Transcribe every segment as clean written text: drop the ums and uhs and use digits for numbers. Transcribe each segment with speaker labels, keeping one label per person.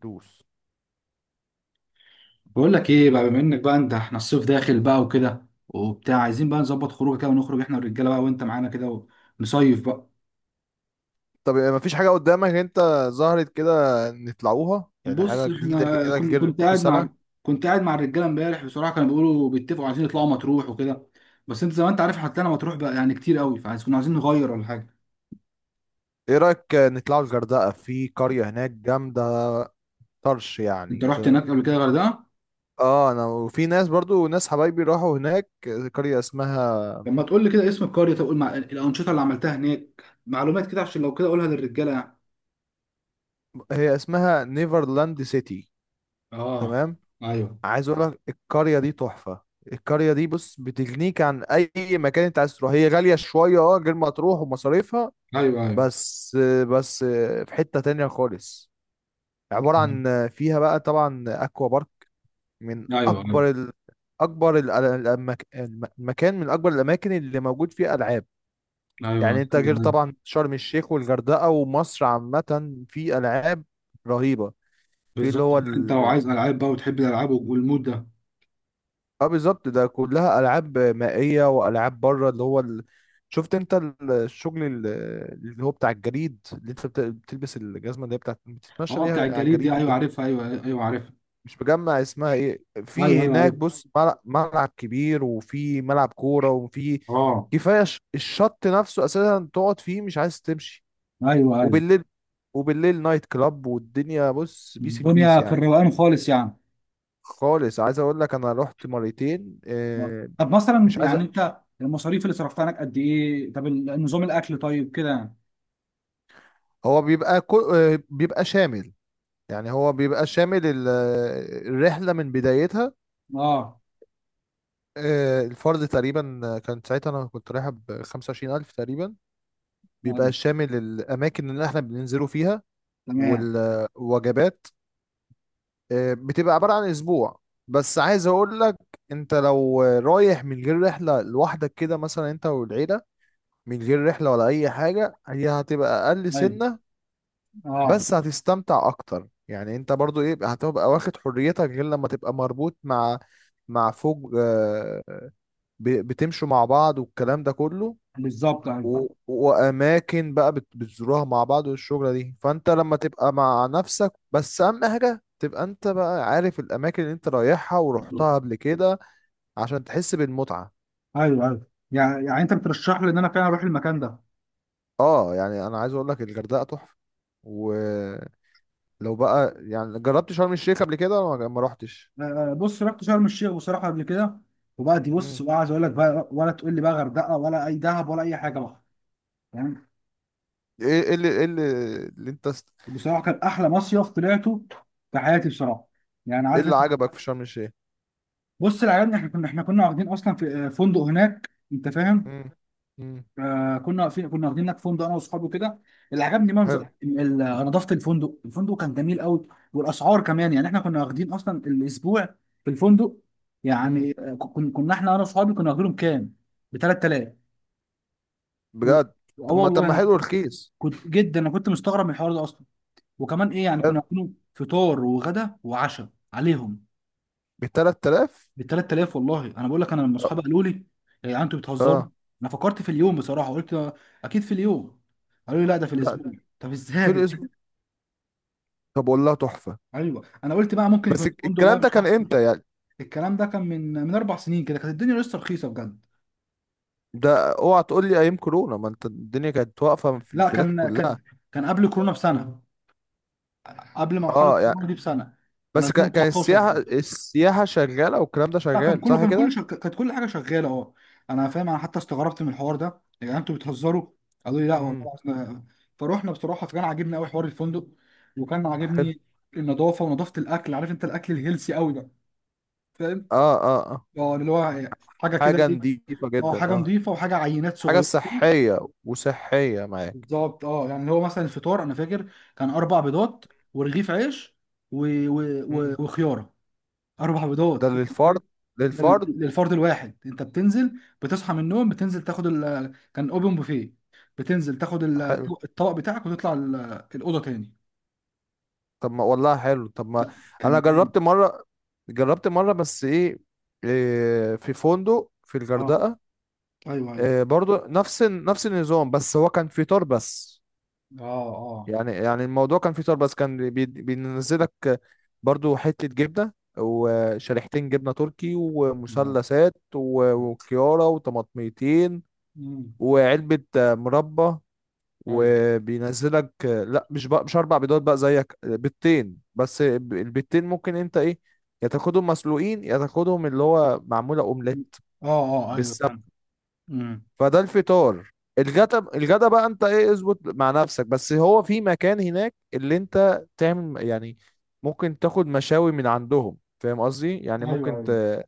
Speaker 1: دوس.
Speaker 2: بقول لك ايه بقى، بما انك بقى انت، احنا الصيف داخل بقى وكده وبتاع، عايزين بقى نظبط خروجه كده ونخرج احنا والرجاله بقى وانت معانا كده ونصيف بقى.
Speaker 1: طب ما فيش حاجة قدامك انت، ظهرت كده، نطلعوها يعني حاجة
Speaker 2: بص،
Speaker 1: جديدة
Speaker 2: احنا
Speaker 1: كده
Speaker 2: كنت
Speaker 1: غير
Speaker 2: كنت
Speaker 1: كل
Speaker 2: قاعد مع
Speaker 1: سنة.
Speaker 2: كنت قاعد مع الرجاله امبارح بصراحه، كانوا بيقولوا بيتفقوا عايزين يطلعوا مطروح وكده. بس انت زي ما انت عارف هتلاقينا مطروح بقى يعني كتير قوي، فعايز كنا عايزين نغير ولا حاجه.
Speaker 1: ايه رأيك نطلعوا الغردقة، في قرية هناك جامدة طرش
Speaker 2: انت
Speaker 1: يعني
Speaker 2: رحت
Speaker 1: زي...
Speaker 2: هناك قبل كده غردقه؟
Speaker 1: اه انا وفي ناس برضو، ناس حبايبي راحوا هناك، قرية اسمها،
Speaker 2: لما تقول لي كده اسم القريه، طب قول مع الانشطه اللي عملتها هناك، معلومات كده، عشان لو كده اقولها للرجاله يعني.
Speaker 1: هي اسمها نيفرلاند سيتي.
Speaker 2: اه.
Speaker 1: تمام.
Speaker 2: ايوه.
Speaker 1: عايز اقول لك القرية دي تحفة. القرية دي بص بتغنيك عن اي مكان انت عايز تروح، هي غالية شوية اه غير ما تروح ومصاريفها.
Speaker 2: ايوه. ايوه.
Speaker 1: بس بس في حتة تانية خالص، عبارة عن فيها بقى طبعا أكوا بارك، من
Speaker 2: ايوه.
Speaker 1: أكبر ال... أكبر ال... المكان من أكبر الأماكن اللي موجود فيها ألعاب.
Speaker 2: ايوه.
Speaker 1: يعني أنت غير
Speaker 2: ايوه.
Speaker 1: طبعا شرم الشيخ والغردقة ومصر عامة في ألعاب رهيبة. في اللي
Speaker 2: بالظبط.
Speaker 1: هو
Speaker 2: انت لو
Speaker 1: ال...
Speaker 2: عايز العاب بقى وتحب الالعاب والمود ده.
Speaker 1: اه بالظبط ده كلها ألعاب مائية وألعاب بره اللي هو ال... شفت أنت الشغل، اللي هو بتاع الجريد اللي أنت بتلبس الجزمة، اللي هي بتاعت بتتمشى
Speaker 2: اه
Speaker 1: بيها
Speaker 2: بتاع
Speaker 1: على
Speaker 2: الجليد دي،
Speaker 1: الجريد
Speaker 2: ايوه
Speaker 1: ده.
Speaker 2: عارفها، ايوه ايوه عارفها.
Speaker 1: مش مجمع اسمها ايه
Speaker 2: ايوه
Speaker 1: في
Speaker 2: ايوه
Speaker 1: هناك،
Speaker 2: عارفها.
Speaker 1: بص ملعب كبير وفي ملعب كورة وفي،
Speaker 2: اه.
Speaker 1: كفاية الشط نفسه اساسا تقعد فيه مش عايز تمشي.
Speaker 2: ايوه ايوه.
Speaker 1: وبالليل، نايت كلاب، والدنيا بص بيس البيس
Speaker 2: الدنيا في
Speaker 1: يعني.
Speaker 2: الروقان خالص يعني.
Speaker 1: خالص عايز اقول لك انا رحت مرتين.
Speaker 2: آه. طب مثلا
Speaker 1: مش عايز
Speaker 2: يعني انت المصاريف اللي صرفتها هناك قد ايه؟ طب نظام الاكل طيب كده يعني.
Speaker 1: هو بيبقى كل، بيبقى شامل. يعني هو بيبقى شامل الرحلة من بدايتها.
Speaker 2: اه.
Speaker 1: الفرد تقريبا، كان ساعتها انا كنت رايحة ب 25,000 تقريبا. بيبقى
Speaker 2: ايوه.
Speaker 1: شامل الاماكن اللي احنا بننزلوا فيها
Speaker 2: تمام.
Speaker 1: والوجبات. بتبقى عبارة عن اسبوع. بس عايز اقول لك، انت لو رايح من غير رحلة لوحدك كده مثلا، انت والعيلة من غير رحلة ولا اي حاجة، هي هتبقى اقل
Speaker 2: ايوه.
Speaker 1: سنة.
Speaker 2: اه
Speaker 1: بس هتستمتع اكتر، يعني انت برضو ايه هتبقى واخد حريتك غير لما تبقى مربوط مع، مع فوج بتمشوا مع بعض والكلام ده كله.
Speaker 2: بالظبط. ايوه
Speaker 1: و... واماكن بقى بتزوروها مع بعض والشغله دي. فانت لما تبقى مع نفسك بس، اهم حاجه تبقى انت بقى عارف الاماكن اللي انت رايحها ورحتها قبل كده عشان تحس بالمتعه.
Speaker 2: ايوه ايوه، يعني يعني انت بترشح لي ان انا فعلا اروح المكان ده؟
Speaker 1: اه يعني انا عايز اقول لك الغردقه تحفه. ولو بقى يعني جربت شرم الشيخ قبل كده ولا ما رحتش؟
Speaker 2: بص رحت شرم الشيخ بصراحه قبل كده، وبقى دي بص
Speaker 1: امم.
Speaker 2: بقى عايز اقول لك بقى، ولا تقول لي بقى غردقه ولا اي دهب ولا اي حاجه بقى. فاهم؟
Speaker 1: ايه، إيه اللي ايه اللي, اللي انت است...؟
Speaker 2: بصراحه كان احلى مصيف طلعته في حياتي بصراحه، يعني
Speaker 1: ايه
Speaker 2: عارف
Speaker 1: اللي
Speaker 2: انت.
Speaker 1: عجبك في شرم الشيخ؟
Speaker 2: بص، اللي عجبني احنا كنا احنا كنا واخدين اصلا في فندق هناك، انت فاهم.
Speaker 1: امم. امم.
Speaker 2: آه كنا في واخدين هناك فندق انا واصحابي كده. اللي عجبني
Speaker 1: حلو.
Speaker 2: منظر نظافه الفندق، الفندق كان جميل قوي. والاسعار كمان يعني، احنا كنا واخدين اصلا الاسبوع في الفندق
Speaker 1: امم.
Speaker 2: يعني كنا احنا انا واصحابي كنا واخدينهم كام؟ ب 3000. و... اه،
Speaker 1: بجد؟ طب ما،
Speaker 2: والله انا
Speaker 1: حلو رخيص.
Speaker 2: كنت جدا، انا كنت مستغرب من الحوار ده اصلا. وكمان ايه، يعني
Speaker 1: حلو،
Speaker 2: كنا عاملينه فطار وغدا وعشاء عليهم
Speaker 1: ب 3000؟
Speaker 2: ب 3000. والله انا بقول لك، انا لما اصحابي قالوا لي "إيه يا جدعان انتوا بتهزروا"،
Speaker 1: اه.
Speaker 2: انا فكرت في اليوم بصراحه، قلت اكيد في اليوم، قالوا لي لا ده في الاسبوع.
Speaker 1: لا،
Speaker 2: طب ازاي يا
Speaker 1: في الاسبوع؟
Speaker 2: جدعان؟
Speaker 1: طب والله تحفه.
Speaker 2: ايوه، انا قلت بقى ممكن يكون
Speaker 1: بس
Speaker 2: الفندق بقى
Speaker 1: الكلام ده
Speaker 2: مش
Speaker 1: كان
Speaker 2: احسن.
Speaker 1: امتى يعني؟
Speaker 2: الكلام ده كان من اربع سنين كده، كانت الدنيا لسه رخيصه بجد.
Speaker 1: ده اوعى تقول لي ايام كورونا، ما انت الدنيا كانت واقفه في
Speaker 2: لا
Speaker 1: البلاد
Speaker 2: كان
Speaker 1: كلها.
Speaker 2: كان كان قبل كورونا بسنه، قبل مرحله
Speaker 1: اه
Speaker 2: كورونا
Speaker 1: يعني،
Speaker 2: دي بسنه، كان
Speaker 1: بس كان
Speaker 2: 2019
Speaker 1: السياحه،
Speaker 2: كده.
Speaker 1: السياحه شغاله والكلام ده
Speaker 2: لا كان
Speaker 1: شغال
Speaker 2: كله،
Speaker 1: صح كده؟
Speaker 2: كانت كل حاجه شغاله اه. انا فاهم، انا حتى استغربت من الحوار ده، يعني انتوا بتهزروا. قالوا لي لا
Speaker 1: امم.
Speaker 2: والله احنا، فروحنا بصراحه، فكان عاجبني قوي حوار الفندق، وكان
Speaker 1: حلو.
Speaker 2: عاجبني النظافه ونظافه الاكل، عارف انت، الاكل الهيلسي قوي بقى، فاهم.
Speaker 1: اه اه اه.
Speaker 2: اه اللي هو حاجه كده
Speaker 1: حاجه
Speaker 2: ايه،
Speaker 1: نضيفه
Speaker 2: اه
Speaker 1: جدا،
Speaker 2: حاجه
Speaker 1: اه.
Speaker 2: نظيفه وحاجه عينات
Speaker 1: حاجه
Speaker 2: صغيره كده.
Speaker 1: صحيه، وصحيه معاك.
Speaker 2: بالظبط، اه يعني اللي هو مثلا الفطار انا فاكر، كان اربع بيضات ورغيف عيش، و... و... و...
Speaker 1: امم.
Speaker 2: وخياره. اربع
Speaker 1: ده
Speaker 2: بيضات.
Speaker 1: للفرد؟
Speaker 2: ده
Speaker 1: للفرد.
Speaker 2: للفرد الواحد، انت بتنزل، بتصحى من النوم، بتنزل تاخد ال...، كان اوبن بوفيه، بتنزل تاخد
Speaker 1: حلو.
Speaker 2: الطبق بتاعك وتطلع الاوضه تاني.
Speaker 1: طب ما والله حلو، طب ما
Speaker 2: لا كان
Speaker 1: انا
Speaker 2: جامد.
Speaker 1: جربت مره، بس ايه، في فندق في
Speaker 2: اه
Speaker 1: الغردقه.
Speaker 2: ايوه ايوه.
Speaker 1: برضو نفس النظام، بس هو كان في تار بس.
Speaker 2: اه اه.
Speaker 1: يعني يعني الموضوع كان في تار بس، كان بينزلك برضو حتة جبنة وشريحتين جبنة تركي ومثلثات و- وكيارة وطماطميتين
Speaker 2: امم.
Speaker 1: وعلبة مربى،
Speaker 2: ايوه.
Speaker 1: وبينزلك لا مش بقى مش اربع بيضات بقى زيك، بيضتين بس. البيضتين ممكن انت ايه، يا تاخدهم مسلوقين يا تاخدهم اللي هو معمولة اومليت.
Speaker 2: اه اه ايوه فاهم. امم.
Speaker 1: فده الفطار. الغدا، الغدا بقى انت ايه اظبط مع نفسك، بس هو في مكان هناك اللي انت تعمل يعني، ممكن تاخد مشاوي من عندهم، فاهم قصدي؟ يعني
Speaker 2: ايوه
Speaker 1: ممكن
Speaker 2: ايوه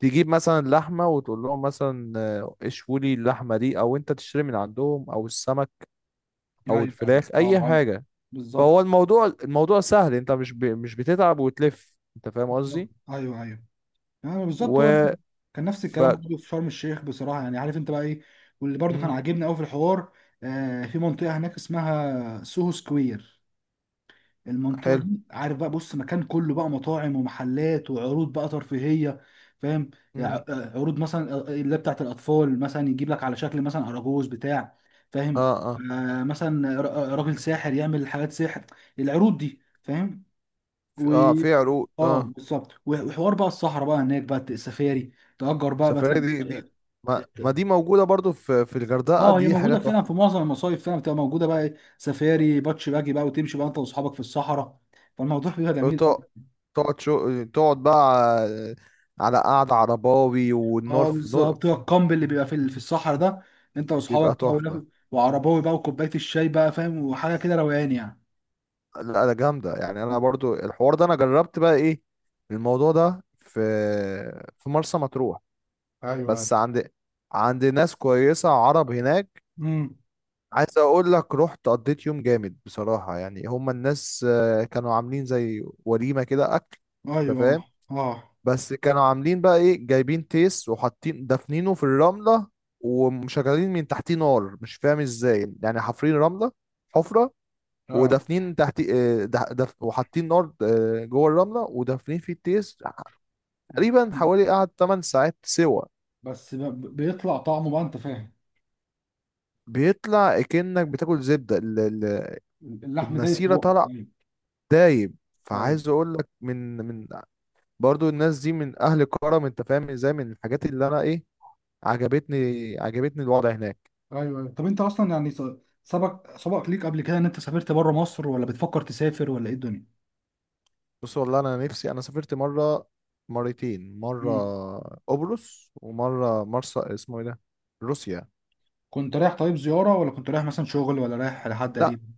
Speaker 1: تجيب مثلا لحمة وتقول لهم مثلا، اشوي لي اللحمة دي، او انت تشتري من عندهم، او السمك
Speaker 2: ايوه
Speaker 1: او
Speaker 2: ايوه.
Speaker 1: الفراخ
Speaker 2: اه.
Speaker 1: اي
Speaker 2: آه.
Speaker 1: حاجة.
Speaker 2: بالظبط.
Speaker 1: فهو الموضوع، الموضوع سهل، انت مش بتتعب وتلف، انت فاهم
Speaker 2: بالظبط
Speaker 1: قصدي.
Speaker 2: ايوه ايوه، يعني
Speaker 1: و،
Speaker 2: بالظبط هو كان نفس
Speaker 1: ف،
Speaker 2: الكلام برضه في شرم الشيخ بصراحه، يعني عارف انت بقى ايه. واللي برضه كان
Speaker 1: مم.
Speaker 2: عاجبني قوي في الحوار، آه في منطقه هناك اسمها سوهو سكوير، المنطقه
Speaker 1: حلو.
Speaker 2: دي عارف بقى، بص مكان كله بقى مطاعم ومحلات وعروض بقى ترفيهيه، فاهم، يعني
Speaker 1: مم.
Speaker 2: عروض مثلا، اللي بتاعت الاطفال مثلا يجيب لك على شكل مثلا اراجوز بتاع، فاهم.
Speaker 1: اه اه.
Speaker 2: آه، مثلا راجل ساحر يعمل حاجات سحر، العروض دي فاهم. و
Speaker 1: في عروق
Speaker 2: اه
Speaker 1: اه.
Speaker 2: بالظبط، وحوار بقى الصحراء بقى هناك بقى السفاري، تأجر بقى
Speaker 1: السفرية
Speaker 2: مثلا.
Speaker 1: دي، دي، ما, ما دي موجودة برضو في، في الغردقة،
Speaker 2: اه هي
Speaker 1: دي حاجة
Speaker 2: موجوده فعلا في
Speaker 1: تحفة.
Speaker 2: معظم المصايف فعلا بتبقى موجوده بقى، سفاري باتش باجي بقى، وتمشي بقى انت واصحابك في الصحراء، فالموضوع بيبقى جميل قوي.
Speaker 1: تق- تقعد شو، تقعد بقى على، على قعدة عرباوي والنار
Speaker 2: اه
Speaker 1: في نو...
Speaker 2: بالظبط، هو الكامب اللي بيبقى في في الصحراء ده، انت
Speaker 1: بيبقى
Speaker 2: واصحابك بقى،
Speaker 1: تحفة.
Speaker 2: وعرباوي بقى وكوبايه الشاي بقى فاهم، وحاجه كده روقان يعني.
Speaker 1: لا لا، جامدة يعني. أنا برضو الحوار ده أنا جربت بقى، إيه، الموضوع ده في، في مرسى مطروح،
Speaker 2: ايوه.
Speaker 1: بس عند، عند ناس كويسة عرب هناك.
Speaker 2: امم.
Speaker 1: عايز أقول لك رحت قضيت يوم جامد بصراحة. يعني هما الناس كانوا عاملين زي وليمة كده أكل، أنت
Speaker 2: ايوه.
Speaker 1: فاهم؟
Speaker 2: اه
Speaker 1: بس كانوا عاملين بقى ايه، جايبين تيس وحاطين دافنينه في الرملة، ومشغلين من تحتيه نار، مش فاهم ازاي يعني، حافرين رملة حفرة
Speaker 2: اه.
Speaker 1: ودافنين تحت وحاطين نار جوه الرملة ودافنين فيه التيس. تقريبا حوالي قعد 8 ساعات سوا.
Speaker 2: بيطلع طعمه بقى انت فاهم.
Speaker 1: بيطلع كأنك بتاكل زبدة
Speaker 2: اللحم ده في
Speaker 1: النسيرة،
Speaker 2: بقك.
Speaker 1: طلع
Speaker 2: أيوة.
Speaker 1: دايب.
Speaker 2: ايوه
Speaker 1: فعايز اقول لك من، من برضو الناس دي من اهل كرم، انت فاهم ازاي؟ من الحاجات اللي انا ايه، عجبتني، عجبتني الوضع هناك.
Speaker 2: ايوه. أيوة. طب انت اصلا يعني سبق ليك قبل كده ان انت سافرت بره مصر، ولا بتفكر تسافر، ولا ايه الدنيا؟
Speaker 1: بص والله انا نفسي، انا سافرت مره، مرتين مره
Speaker 2: مم.
Speaker 1: قبرص ومره مرسى اسمه ايه ده، روسيا.
Speaker 2: كنت رايح طيب زياره، ولا كنت رايح مثلا شغل، ولا رايح لحد
Speaker 1: لا
Speaker 2: قريب؟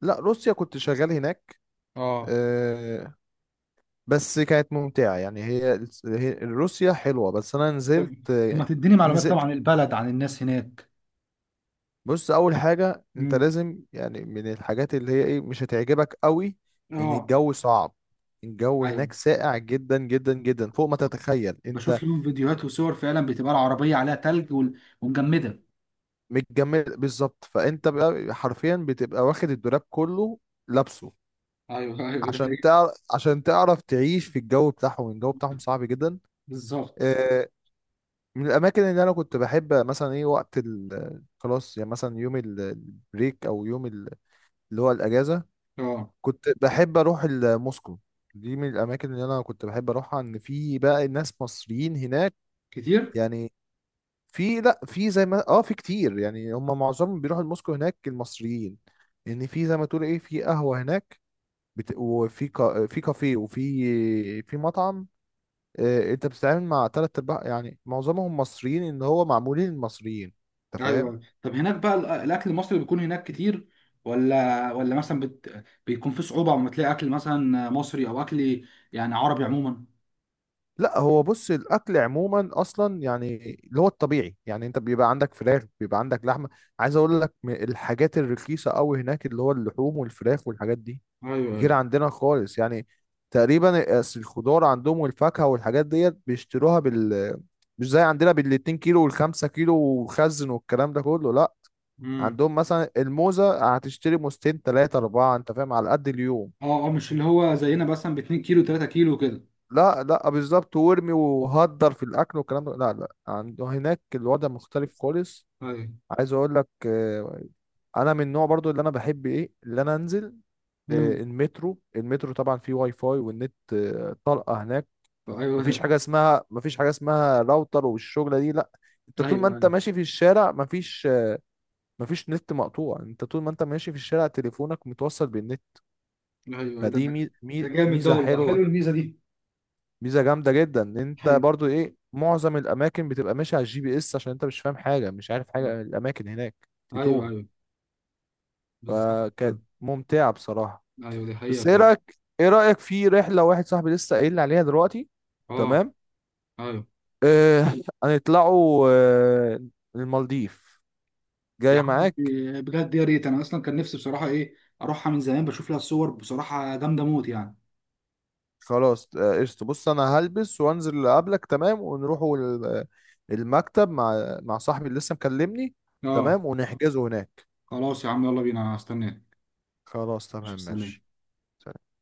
Speaker 1: لا، روسيا كنت شغال هناك.
Speaker 2: اه.
Speaker 1: آه، بس كانت ممتعه يعني، هي روسيا حلوه، بس انا
Speaker 2: طب
Speaker 1: نزلت
Speaker 2: ما
Speaker 1: آه،
Speaker 2: تديني معلومات طبعا
Speaker 1: نزلت
Speaker 2: عن البلد، عن الناس هناك.
Speaker 1: بص اول حاجه انت
Speaker 2: مم.
Speaker 1: لازم يعني، من الحاجات اللي هي ايه مش هتعجبك قوي، ان
Speaker 2: اه.
Speaker 1: الجو صعب. الجو
Speaker 2: ايوه،
Speaker 1: هناك ساقع جدا جدا جدا فوق ما تتخيل انت،
Speaker 2: بشوف لهم فيديوهات وصور فعلا، بتبقى العربيه عليها تلج ومجمده.
Speaker 1: متجمد بالظبط. فانت بقى حرفيا بتبقى واخد الدولاب كله لابسه
Speaker 2: ايوه ايوه، ده
Speaker 1: عشان
Speaker 2: حقيقي.
Speaker 1: تعرف، عشان تعرف تعيش في الجو بتاعهم. الجو بتاعهم صعب جدا.
Speaker 2: بالظبط.
Speaker 1: آه، من الاماكن اللي انا كنت بحب مثلا ايه وقت خلاص يعني مثلا يوم البريك او يوم اللي هو الاجازه،
Speaker 2: اه.
Speaker 1: كنت بحب اروح موسكو. دي من الاماكن اللي انا كنت بحب اروحها، ان في بقى ناس مصريين هناك
Speaker 2: كتير.
Speaker 1: يعني. في، لا في زي ما اه في كتير يعني، هم معظمهم بيروحوا لموسكو هناك المصريين. ان في زي ما تقول ايه، في قهوة هناك، في كافيه وفي، في مطعم. آه انت بتتعامل مع تلات ارباع يعني معظمهم مصريين، ان هو معمولين المصريين، انت فاهم.
Speaker 2: ايوه، طب هناك بقى الاكل المصري بيكون هناك كتير، ولا مثلا بيكون في صعوبه لما تلاقي اكل مثلا مصري او اكل يعني عربي عموما؟
Speaker 1: لا هو بص الاكل عموما اصلا يعني، اللي هو الطبيعي يعني، انت بيبقى عندك فراخ بيبقى عندك لحمه. عايز اقول لك الحاجات الرخيصه قوي هناك اللي هو اللحوم والفراخ والحاجات دي،
Speaker 2: ايوه
Speaker 1: غير
Speaker 2: ايوه.
Speaker 1: عندنا خالص يعني. تقريبا أصل الخضار عندهم والفاكهه والحاجات ديت بيشتروها بال، مش زي عندنا بالاتنين كيلو والخمسة كيلو وخزن والكلام ده كله لا.
Speaker 2: امم.
Speaker 1: عندهم مثلا الموزه هتشتري موزتين تلاتة اربعه، انت فاهم، على قد اليوم.
Speaker 2: اه اه، مش اللي هو زينا مثلا ب 2 كيلو 3 كيلو كده.
Speaker 1: لا لا بالظبط، وارمي وهدر في الاكل والكلام ده لا لا، عنده هناك الوضع مختلف خالص.
Speaker 2: ايوه.
Speaker 1: عايز اقول لك انا من النوع برضو اللي انا بحب ايه اللي انا انزل
Speaker 2: امم.
Speaker 1: المترو. المترو طبعا فيه واي فاي، والنت طلقه هناك.
Speaker 2: ايوه.
Speaker 1: مفيش حاجه اسمها، مفيش حاجه اسمها راوتر والشغله دي لا. انت
Speaker 2: ايوه
Speaker 1: طول ما انت
Speaker 2: ايوه.
Speaker 1: ماشي في الشارع مفيش مفيش نت مقطوع، انت طول ما انت ماشي في الشارع تليفونك متوصل بالنت.
Speaker 2: أيوة، ده
Speaker 1: فدي
Speaker 2: ده جامد، ده
Speaker 1: ميزه
Speaker 2: والله حلو
Speaker 1: حلوه.
Speaker 2: الميزه دي.
Speaker 1: ميزه جامده جدا. ان انت
Speaker 2: ايوه
Speaker 1: برضو ايه معظم الاماكن بتبقى ماشي على GPS، عشان انت مش فاهم حاجه، مش عارف حاجه عن الاماكن هناك،
Speaker 2: ايوه
Speaker 1: تتوه.
Speaker 2: ايوه بالظبط.
Speaker 1: فكانت ممتعه بصراحه.
Speaker 2: ايوه دي حقيقة
Speaker 1: بس ايه
Speaker 2: فعلا.
Speaker 1: رايك، ايه رايك في رحله واحد صاحبي لسه قايل لي عليها دلوقتي؟
Speaker 2: اه.
Speaker 1: تمام.
Speaker 2: ايوه.
Speaker 1: آه هنطلعوا آه، المالديف،
Speaker 2: يا
Speaker 1: جاي
Speaker 2: عم،
Speaker 1: معاك؟
Speaker 2: بجد يا ريت، انا اصلا كان نفسي بصراحه ايه اروحها من زمان، بشوف لها الصور بصراحه جامده موت يعني.
Speaker 1: خلاص قشطه. بص انا هلبس وانزل اقابلك، تمام؟ ونروحوا المكتب مع، مع صاحبي اللي لسه مكلمني،
Speaker 2: اه.
Speaker 1: تمام، ونحجزه هناك.
Speaker 2: خلاص يا عم يلا بينا، هستناك.
Speaker 1: خلاص
Speaker 2: مش
Speaker 1: تمام ماشي.
Speaker 2: مستنيك.